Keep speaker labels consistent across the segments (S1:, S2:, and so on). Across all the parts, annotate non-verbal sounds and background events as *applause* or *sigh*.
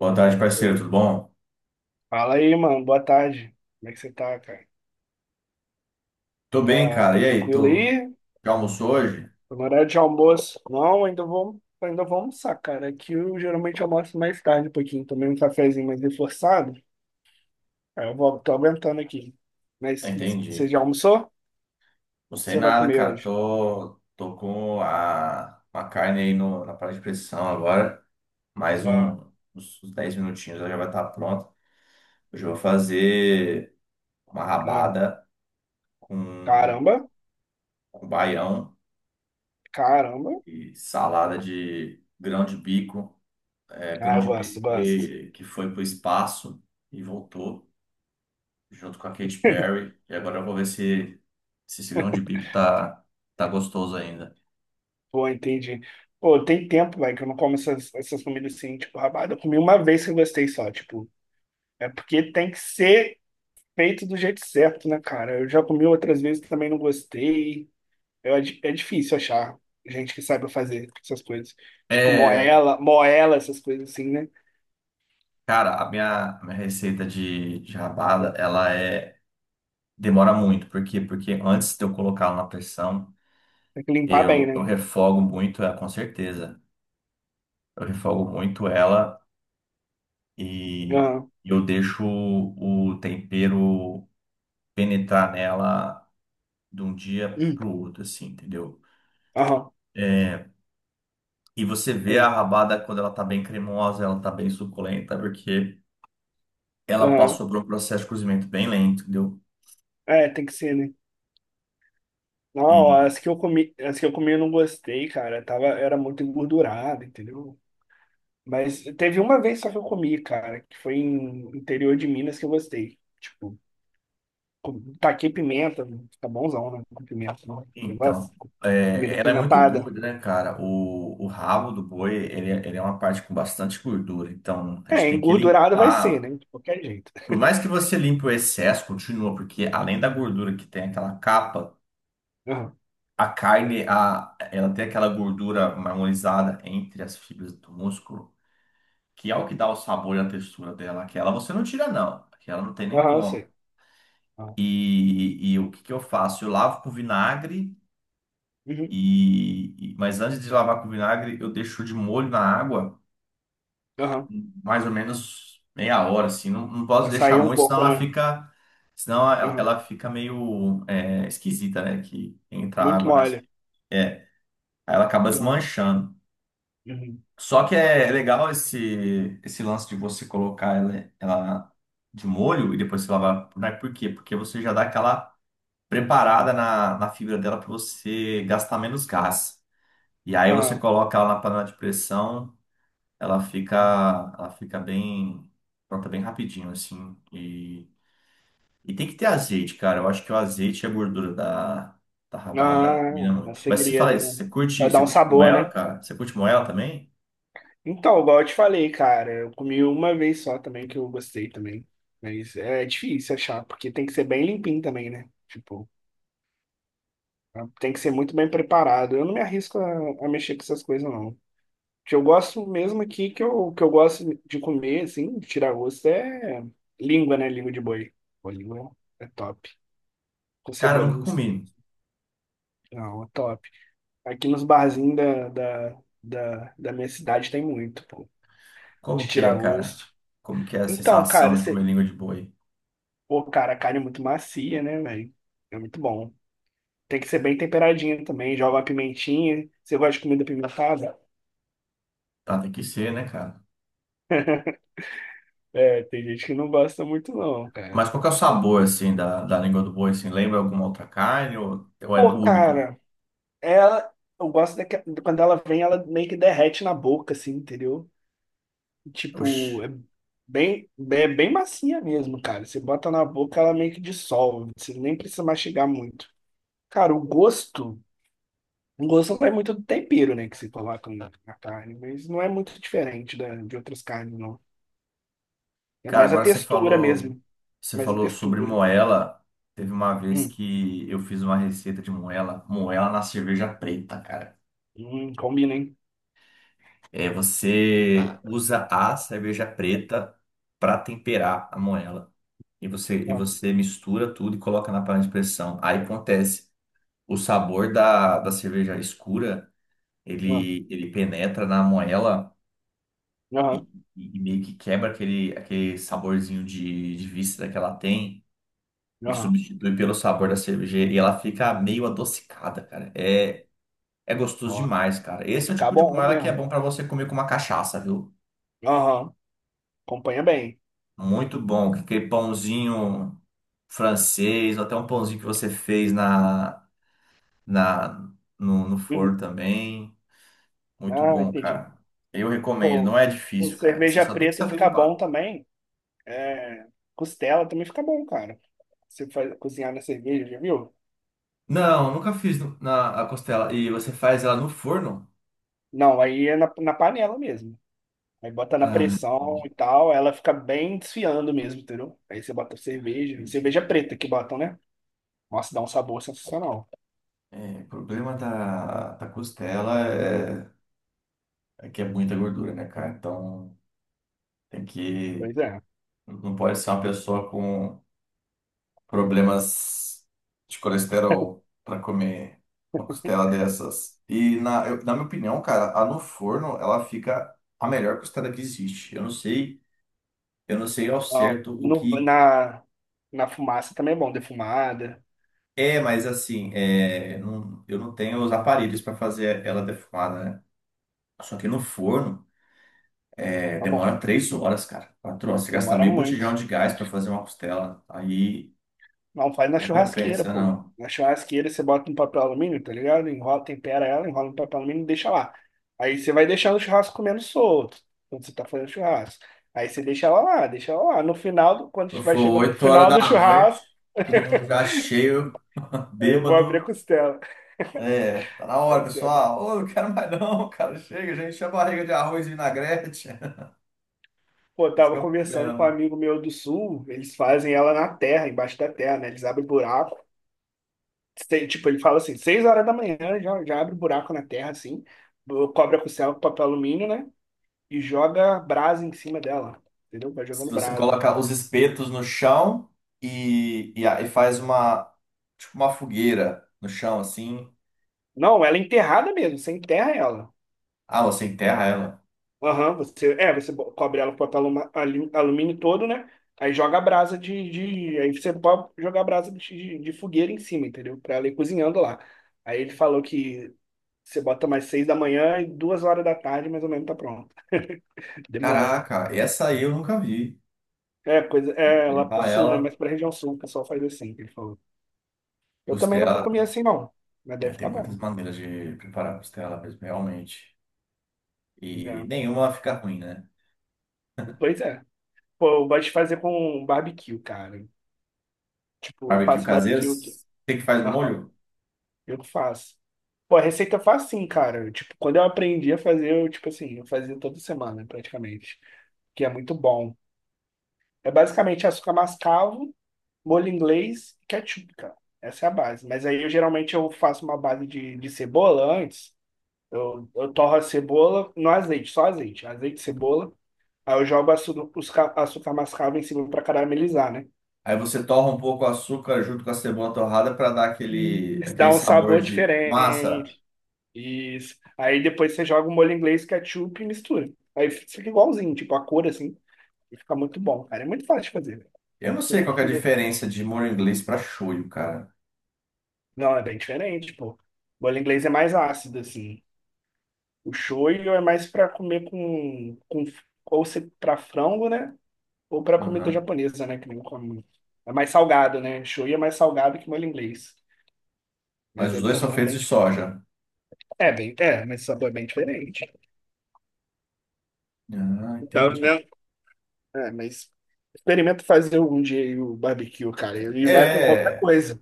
S1: Boa tarde, parceiro, tudo bom?
S2: Fala aí, mano. Boa tarde. Como é que você tá, cara?
S1: Tô bem,
S2: Tá,
S1: cara.
S2: tá
S1: E aí,
S2: tranquilo
S1: tu
S2: aí?
S1: já almoçou hoje?
S2: Tá no horário de almoço? Não, ainda vou almoçar, cara. Aqui eu geralmente almoço mais tarde um pouquinho. Tomei um cafezinho mais reforçado. Aí eu vou, tô aguentando aqui. Mas
S1: Ah,
S2: que- Você
S1: entendi.
S2: já almoçou? O que
S1: Não sei
S2: Você vai
S1: nada,
S2: comer
S1: cara.
S2: hoje?
S1: Tô com uma carne aí no, na panela de pressão agora. Mais um,
S2: Ah,
S1: uns 10 minutinhos, ela já vai estar pronta. Hoje eu vou fazer uma
S2: ah.
S1: rabada com,
S2: Caramba,
S1: com baião
S2: caramba.
S1: e salada de grão de bico. É,
S2: Ah,
S1: grão
S2: eu
S1: de
S2: gosto,
S1: bico
S2: gosto.
S1: que foi pro espaço e voltou junto com a Katy
S2: *laughs*
S1: Perry. E agora eu vou ver se esse grão de bico tá gostoso ainda.
S2: Pô, entendi. Pô, tem tempo, velho, que eu não como essas comidas assim, tipo, rabada. Eu comi uma vez que eu gostei só, tipo. É porque tem que ser feito do jeito certo, né, cara? Eu já comi outras vezes também não gostei. É difícil achar gente que saiba fazer essas coisas. Tipo
S1: É,
S2: moela, moela, essas coisas assim, né?
S1: cara, a minha receita de rabada, ela é demora muito. Por quê? Porque antes de eu colocar ela na pressão,
S2: Tem que limpar bem,
S1: eu
S2: né?
S1: refogo muito ela, com certeza. Eu refogo muito ela e
S2: Aham.
S1: eu deixo o tempero penetrar nela de um dia
S2: Hum,
S1: pro outro, assim, entendeu?
S2: aham.
S1: É, e você vê
S2: Tem.
S1: a rabada quando ela tá bem cremosa, ela tá bem suculenta, porque ela
S2: Aham.
S1: passou por um processo de cozimento bem lento, entendeu?
S2: É, tem que ser, né? Não,
S1: E
S2: as que eu comi eu não gostei, cara. Tava, era muito engordurada, entendeu? Mas teve uma vez só que eu comi, cara, que foi em interior de Minas que eu gostei. Tipo, taquei pimenta, fica bonzão, né? Com pimenta, né? Você gosta?
S1: então, é,
S2: Comida
S1: ela é muito
S2: pimentada.
S1: gorda, né, cara? O rabo do boi, ele é uma parte com bastante gordura, então a gente
S2: É,
S1: tem que
S2: engordurada vai ser,
S1: limpar.
S2: né? De qualquer jeito.
S1: Por mais que
S2: *laughs*
S1: você limpe o excesso, continua, porque além da gordura que tem aquela capa,
S2: Aham,
S1: a carne, a, ela tem aquela gordura marmorizada entre as fibras do músculo, que é o que dá o sabor e a textura dela. Aquela você não tira, não. Aquela não tem nem
S2: aham, eu
S1: como.
S2: sei. Aham,
S1: E o que que eu faço? Eu lavo com vinagre,
S2: uhum.
S1: mas antes de lavar com vinagre, eu deixo de molho na água
S2: Aham.
S1: mais ou menos meia hora, assim. Não posso
S2: Vai
S1: deixar
S2: sair um
S1: muito, senão
S2: pouco,
S1: ela
S2: né?
S1: fica, senão
S2: Aham.
S1: ela fica meio é, esquisita, né? Que entra
S2: Muito
S1: água na.
S2: mole.
S1: É, aí ela acaba
S2: Aham,
S1: desmanchando.
S2: uhum.
S1: Só que é legal esse lance de você colocar ela de molho e depois você lavar por nair. Por quê? Porque você já dá aquela preparada na fibra dela para você gastar menos gás. E aí você
S2: Aham,
S1: coloca ela na panela de pressão, ela fica,
S2: uhum.
S1: ela fica bem pronta bem rapidinho, assim. E tem que ter azeite, cara. Eu acho que o azeite e a gordura da rabada
S2: Ah,
S1: combina
S2: a
S1: muito. Mas você fala
S2: segredo,
S1: isso,
S2: né? Vai dar
S1: você
S2: um
S1: curte
S2: sabor,
S1: moela,
S2: né?
S1: cara? Você curte moela também?
S2: Então, igual eu te falei, cara, eu comi uma vez só também, que eu gostei também. Mas é difícil achar, porque tem que ser bem limpinho também, né? Tipo, tem que ser muito bem preparado. Eu não me arrisco a mexer com essas coisas, não. O que eu gosto mesmo aqui, que eu gosto de comer, assim, de tirar gosto, é língua, né? Língua de boi. Pô, língua é top. Com
S1: Cara, eu
S2: cebolinha,
S1: nunca
S2: assim,
S1: comi.
S2: não, é top. Aqui nos barzinhos da minha cidade tem muito, pô,
S1: Como
S2: de
S1: que é,
S2: tirar
S1: cara?
S2: gosto.
S1: Como que é a
S2: Então,
S1: sensação
S2: cara,
S1: de comer
S2: você...
S1: língua de boi?
S2: Pô, cara, a carne é muito macia, né, velho? É muito bom. Tem que ser bem temperadinho também. Joga uma pimentinha. Você gosta de comida pimentada?
S1: Tá, tem que ser, né, cara?
S2: É, tem gente que não gosta muito, não, cara.
S1: Mas qual que é o sabor, assim, da língua do boi, assim? Lembra alguma outra carne ou é
S2: Pô,
S1: única?
S2: cara, ela. Eu gosto de quando ela vem, ela meio que derrete na boca, assim, entendeu?
S1: Oxi.
S2: Tipo, é bem macia mesmo, cara. Você bota na boca, ela meio que dissolve. Você nem precisa mastigar muito. Cara, o gosto. O gosto vai muito do tempero, né, que você coloca na, na carne, mas não é muito diferente de outras carnes, não. É
S1: Cara,
S2: mais a
S1: agora
S2: textura mesmo.
S1: você
S2: Mais a
S1: falou sobre
S2: textura.
S1: moela. Teve uma vez
S2: Hum,
S1: que eu fiz uma receita de moela, moela na cerveja preta, cara.
S2: combina, hein?
S1: É, você
S2: Ah,
S1: usa a cerveja preta para temperar a moela. E
S2: ah,
S1: você mistura tudo e coloca na panela de pressão. Aí acontece o sabor da cerveja escura,
S2: ah,
S1: ele penetra na moela
S2: Aham,
S1: e meio que quebra aquele, aquele saborzinho de víscera que ela tem e
S2: aham.
S1: substitui pelo sabor da cerveja e ela fica meio adocicada, cara. É, é gostoso
S2: Ó,
S1: demais, cara.
S2: vai
S1: Esse é o
S2: ficar
S1: tipo de
S2: bom
S1: moela que é
S2: mesmo.
S1: bom pra você comer com uma cachaça, viu?
S2: Aham, acompanha bem.
S1: Muito bom. Aquele pãozinho francês, ou até um pãozinho que você fez na, na, no forno
S2: Uhum.
S1: também. Muito
S2: Ah,
S1: bom,
S2: entendi.
S1: cara. Eu recomendo,
S2: Pô,
S1: não é
S2: com
S1: difícil, cara. Você
S2: cerveja
S1: só tem que
S2: preta
S1: saber
S2: fica bom
S1: limpar.
S2: também. É, costela também fica bom, cara. Você faz, cozinhar na cerveja, já viu?
S1: Não, nunca fiz no- na a costela. E você faz ela no forno?
S2: Não, aí é na panela mesmo. Aí bota na
S1: Ah,
S2: pressão e
S1: entendi,
S2: tal, ela fica bem desfiando mesmo, entendeu? Aí você bota cerveja,
S1: entendi.
S2: cerveja preta que botam, né? Nossa, dá um sabor sensacional.
S1: É, o problema da costela é, é que é muita gordura, né, cara? Então tem que.
S2: Pois é.
S1: Não pode ser uma pessoa com problemas de colesterol para comer uma costela dessas. E na, eu- na minha opinião, cara, a no forno ela fica a melhor costela que existe. Eu não sei. Eu não sei ao
S2: Ó,
S1: certo o
S2: No,
S1: que
S2: na, na fumaça também é bom, defumada.
S1: é, mas assim, é, não- eu não tenho os aparelhos para fazer ela defumada, né? Só que no forno, é,
S2: Tá bom.
S1: demora 3 horas, cara. 4 horas. Você gasta
S2: Demora
S1: meio
S2: muito.
S1: botijão de gás para fazer uma costela. Aí
S2: Não, faz na
S1: não
S2: churrasqueira,
S1: compensa,
S2: pô.
S1: não.
S2: Na churrasqueira você bota um papel alumínio, tá ligado? Enrola, tempera ela, enrola no papel alumínio e deixa lá. Aí você vai deixando o churrasco comendo solto, quando você tá fazendo churrasco. Aí você deixa ela lá. No final, do- Quando
S1: Quando
S2: vai
S1: for
S2: chegando pro
S1: oito horas
S2: final
S1: da
S2: do
S1: noite,
S2: churrasco,
S1: todo mundo já cheio, *laughs*
S2: aí eu vou abrir a
S1: bêbado.
S2: costela. *laughs*
S1: É, tá na hora,
S2: Aí você abre.
S1: pessoal. Ô, eu não quero mais não, cara. Chega, gente. Enche a barriga de arroz e vinagrete. *laughs*
S2: Pô, eu
S1: Esse que
S2: tava
S1: é o
S2: conversando com um
S1: problema.
S2: amigo meu do sul, eles fazem ela na terra, embaixo da terra, né? Eles abrem buraco. Tipo, ele fala assim, 6 horas da manhã já abre buraco na terra, assim, cobre a costela com papel alumínio, né? E joga brasa em cima dela. Entendeu? Vai
S1: Se
S2: jogando
S1: você
S2: brasa.
S1: coloca os espetos no chão e, a- e faz uma, tipo uma fogueira no chão, assim.
S2: Não, ela é enterrada mesmo, você enterra ela.
S1: Ah, você enterra ela.
S2: Aham, você, é, você cobre ela com papel alumínio todo, né? Aí joga a brasa de, de. Aí você pode jogar a brasa de fogueira em cima, entendeu? Pra ela ir cozinhando lá. Aí ele falou que você bota mais 6 da manhã e 2 horas da tarde, mais ou menos, tá pronto. *laughs* Demora, né?
S1: Caraca, essa aí eu nunca vi.
S2: É, coisa, é lá pro
S1: Enterrar
S2: sul, né? Mas
S1: ela,
S2: pra região sul o pessoal faz assim, que ele falou. Eu também nunca comi
S1: costela.
S2: assim, não. Mas
S1: É,
S2: deve
S1: tem
S2: ficar
S1: muitas
S2: bom.
S1: maneiras de preparar costela mesmo, realmente. E
S2: É.
S1: nenhuma fica ruim, né?
S2: Pois é. Pô, eu gosto de fazer com barbecue, cara. Tipo, eu
S1: Barbecue
S2: faço
S1: caseiro,
S2: barbecue aqui.
S1: tem que faz
S2: Aham,
S1: molho.
S2: eu que faço. Pô, a receita eu faço sim, cara. Tipo, quando eu aprendi a fazer, eu, tipo assim, eu fazia toda semana, praticamente. Que é muito bom. É basicamente açúcar mascavo, molho inglês e ketchup, cara. Essa é a base. Mas aí, eu geralmente, eu faço uma base de cebola antes. Eu torro a cebola no azeite, só azeite. Azeite, cebola. Aí eu jogo açúcar, açúcar mascavo em cima pra caramelizar, né?
S1: Aí você torra um pouco o açúcar junto com a cebola torrada para dar aquele,
S2: Isso,
S1: aquele
S2: dá um
S1: sabor
S2: sabor
S1: de massa.
S2: diferente. Isso. Aí depois você joga o molho inglês, ketchup e mistura. Aí fica igualzinho, tipo, a cor assim. E fica muito bom, cara. É muito fácil de fazer.
S1: Eu não sei qual que é a diferença de molho inglês para shoyu, cara.
S2: Não, é bem diferente, pô. Molho inglês é mais ácido, assim. O shoyu é mais pra comer com ou se, pra frango, né? Ou pra comida
S1: Aham.
S2: japonesa, né? Que nem come muito. É mais salgado, né? Shoyu é mais salgado que molho inglês.
S1: Mas
S2: Mas
S1: os
S2: é
S1: dois são
S2: também é
S1: feitos
S2: bem.
S1: de
S2: Dif-
S1: soja.
S2: É, bem, é, mas o sabor é bem diferente.
S1: Ah,
S2: Então,
S1: entendi.
S2: né? É, mas experimenta fazer um dia aí o barbecue, cara. Ele vai com qualquer
S1: É,
S2: coisa.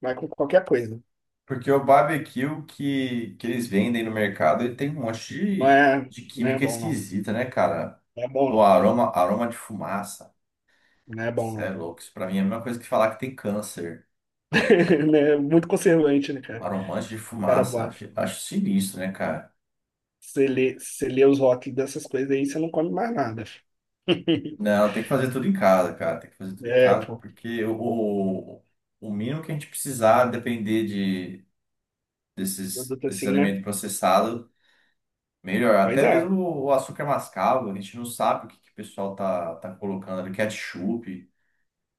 S2: Vai com qualquer coisa.
S1: porque o barbecue que eles vendem no mercado, ele tem um monte de, de
S2: Não é
S1: química
S2: bom, não.
S1: esquisita, né, cara?
S2: Não é bom,
S1: Pô,
S2: não.
S1: aroma, aroma de fumaça.
S2: Não é bom,
S1: Isso é
S2: não.
S1: louco. Isso pra mim é a mesma coisa que falar que tem câncer.
S2: *laughs* Não, é muito conservante, né, cara?
S1: Aromante de
S2: O Cara,
S1: fumaça.
S2: bota.
S1: Acho, acho sinistro, né, cara?
S2: Você lê os rótulos dessas coisas aí, você não come mais nada. *laughs*
S1: Não, tem que fazer tudo em casa, cara. Tem que fazer tudo em
S2: É,
S1: casa,
S2: pô.
S1: porque o mínimo que a gente precisar depender desses,
S2: Produto
S1: desses
S2: assim, né?
S1: alimentos processados. Melhor,
S2: Pois
S1: até
S2: é.
S1: mesmo o açúcar mascavo, a gente não sabe o que, que o pessoal tá colocando ali, ketchup,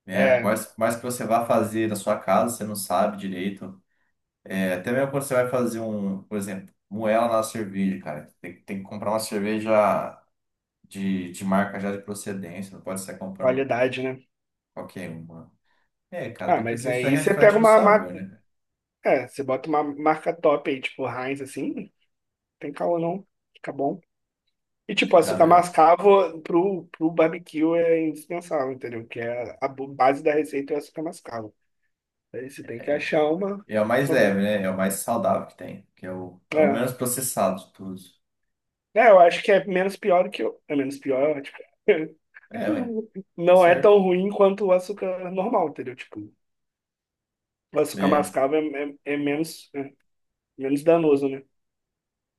S1: né?
S2: É,
S1: Mas que você vá fazer na sua casa, você não sabe direito. É, até mesmo quando você vai fazer um, por exemplo, moela na cerveja, cara. Tem, tem que comprar uma cerveja de marca já de procedência, não pode sair comprando
S2: qualidade, né?
S1: qualquer uma. É, cara,
S2: Ah,
S1: até
S2: mas
S1: porque isso aí
S2: aí você pega
S1: reflete no
S2: uma
S1: sabor,
S2: marca.
S1: né, cara?
S2: É, você bota uma marca top aí, tipo Heinz, assim. Tem caô, não. Fica bom. E, tipo,
S1: Fica
S2: açúcar
S1: mesmo.
S2: mascavo pro barbecue é indispensável, entendeu? Que é a, base da receita é o açúcar mascavo. Aí você tem que achar
S1: E é o mais
S2: uma boa.
S1: leve, né? É o mais saudável que tem, que é é o
S2: É.
S1: menos processado de todos.
S2: É, eu acho que é menos pior do que o. É menos pior, tipo.
S1: É, ué,
S2: *laughs*
S1: tá
S2: Não é
S1: certo.
S2: tão ruim quanto o açúcar normal, entendeu? Tipo, o açúcar
S1: É.
S2: mascavo é, é menos danoso, né?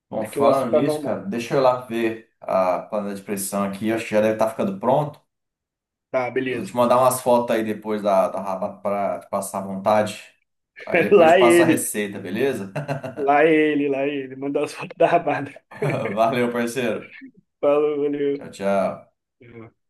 S1: Bom,
S2: Do que o
S1: falando
S2: açúcar
S1: nisso,
S2: normal.
S1: cara, deixa eu ir lá ver a panela de pressão aqui. Acho que já deve estar ficando pronto.
S2: Tá,
S1: Eu vou
S2: beleza.
S1: te mandar umas fotos aí depois da rabata para te passar à vontade. Aí
S2: *laughs*
S1: depois te
S2: Lá é
S1: passo a
S2: ele,
S1: receita, beleza?
S2: lá é ele, lá é ele. Mandar as fotos da rabada.
S1: *laughs*
S2: *laughs*
S1: Valeu, parceiro.
S2: Falou, valeu.
S1: Tchau, tchau.
S2: É.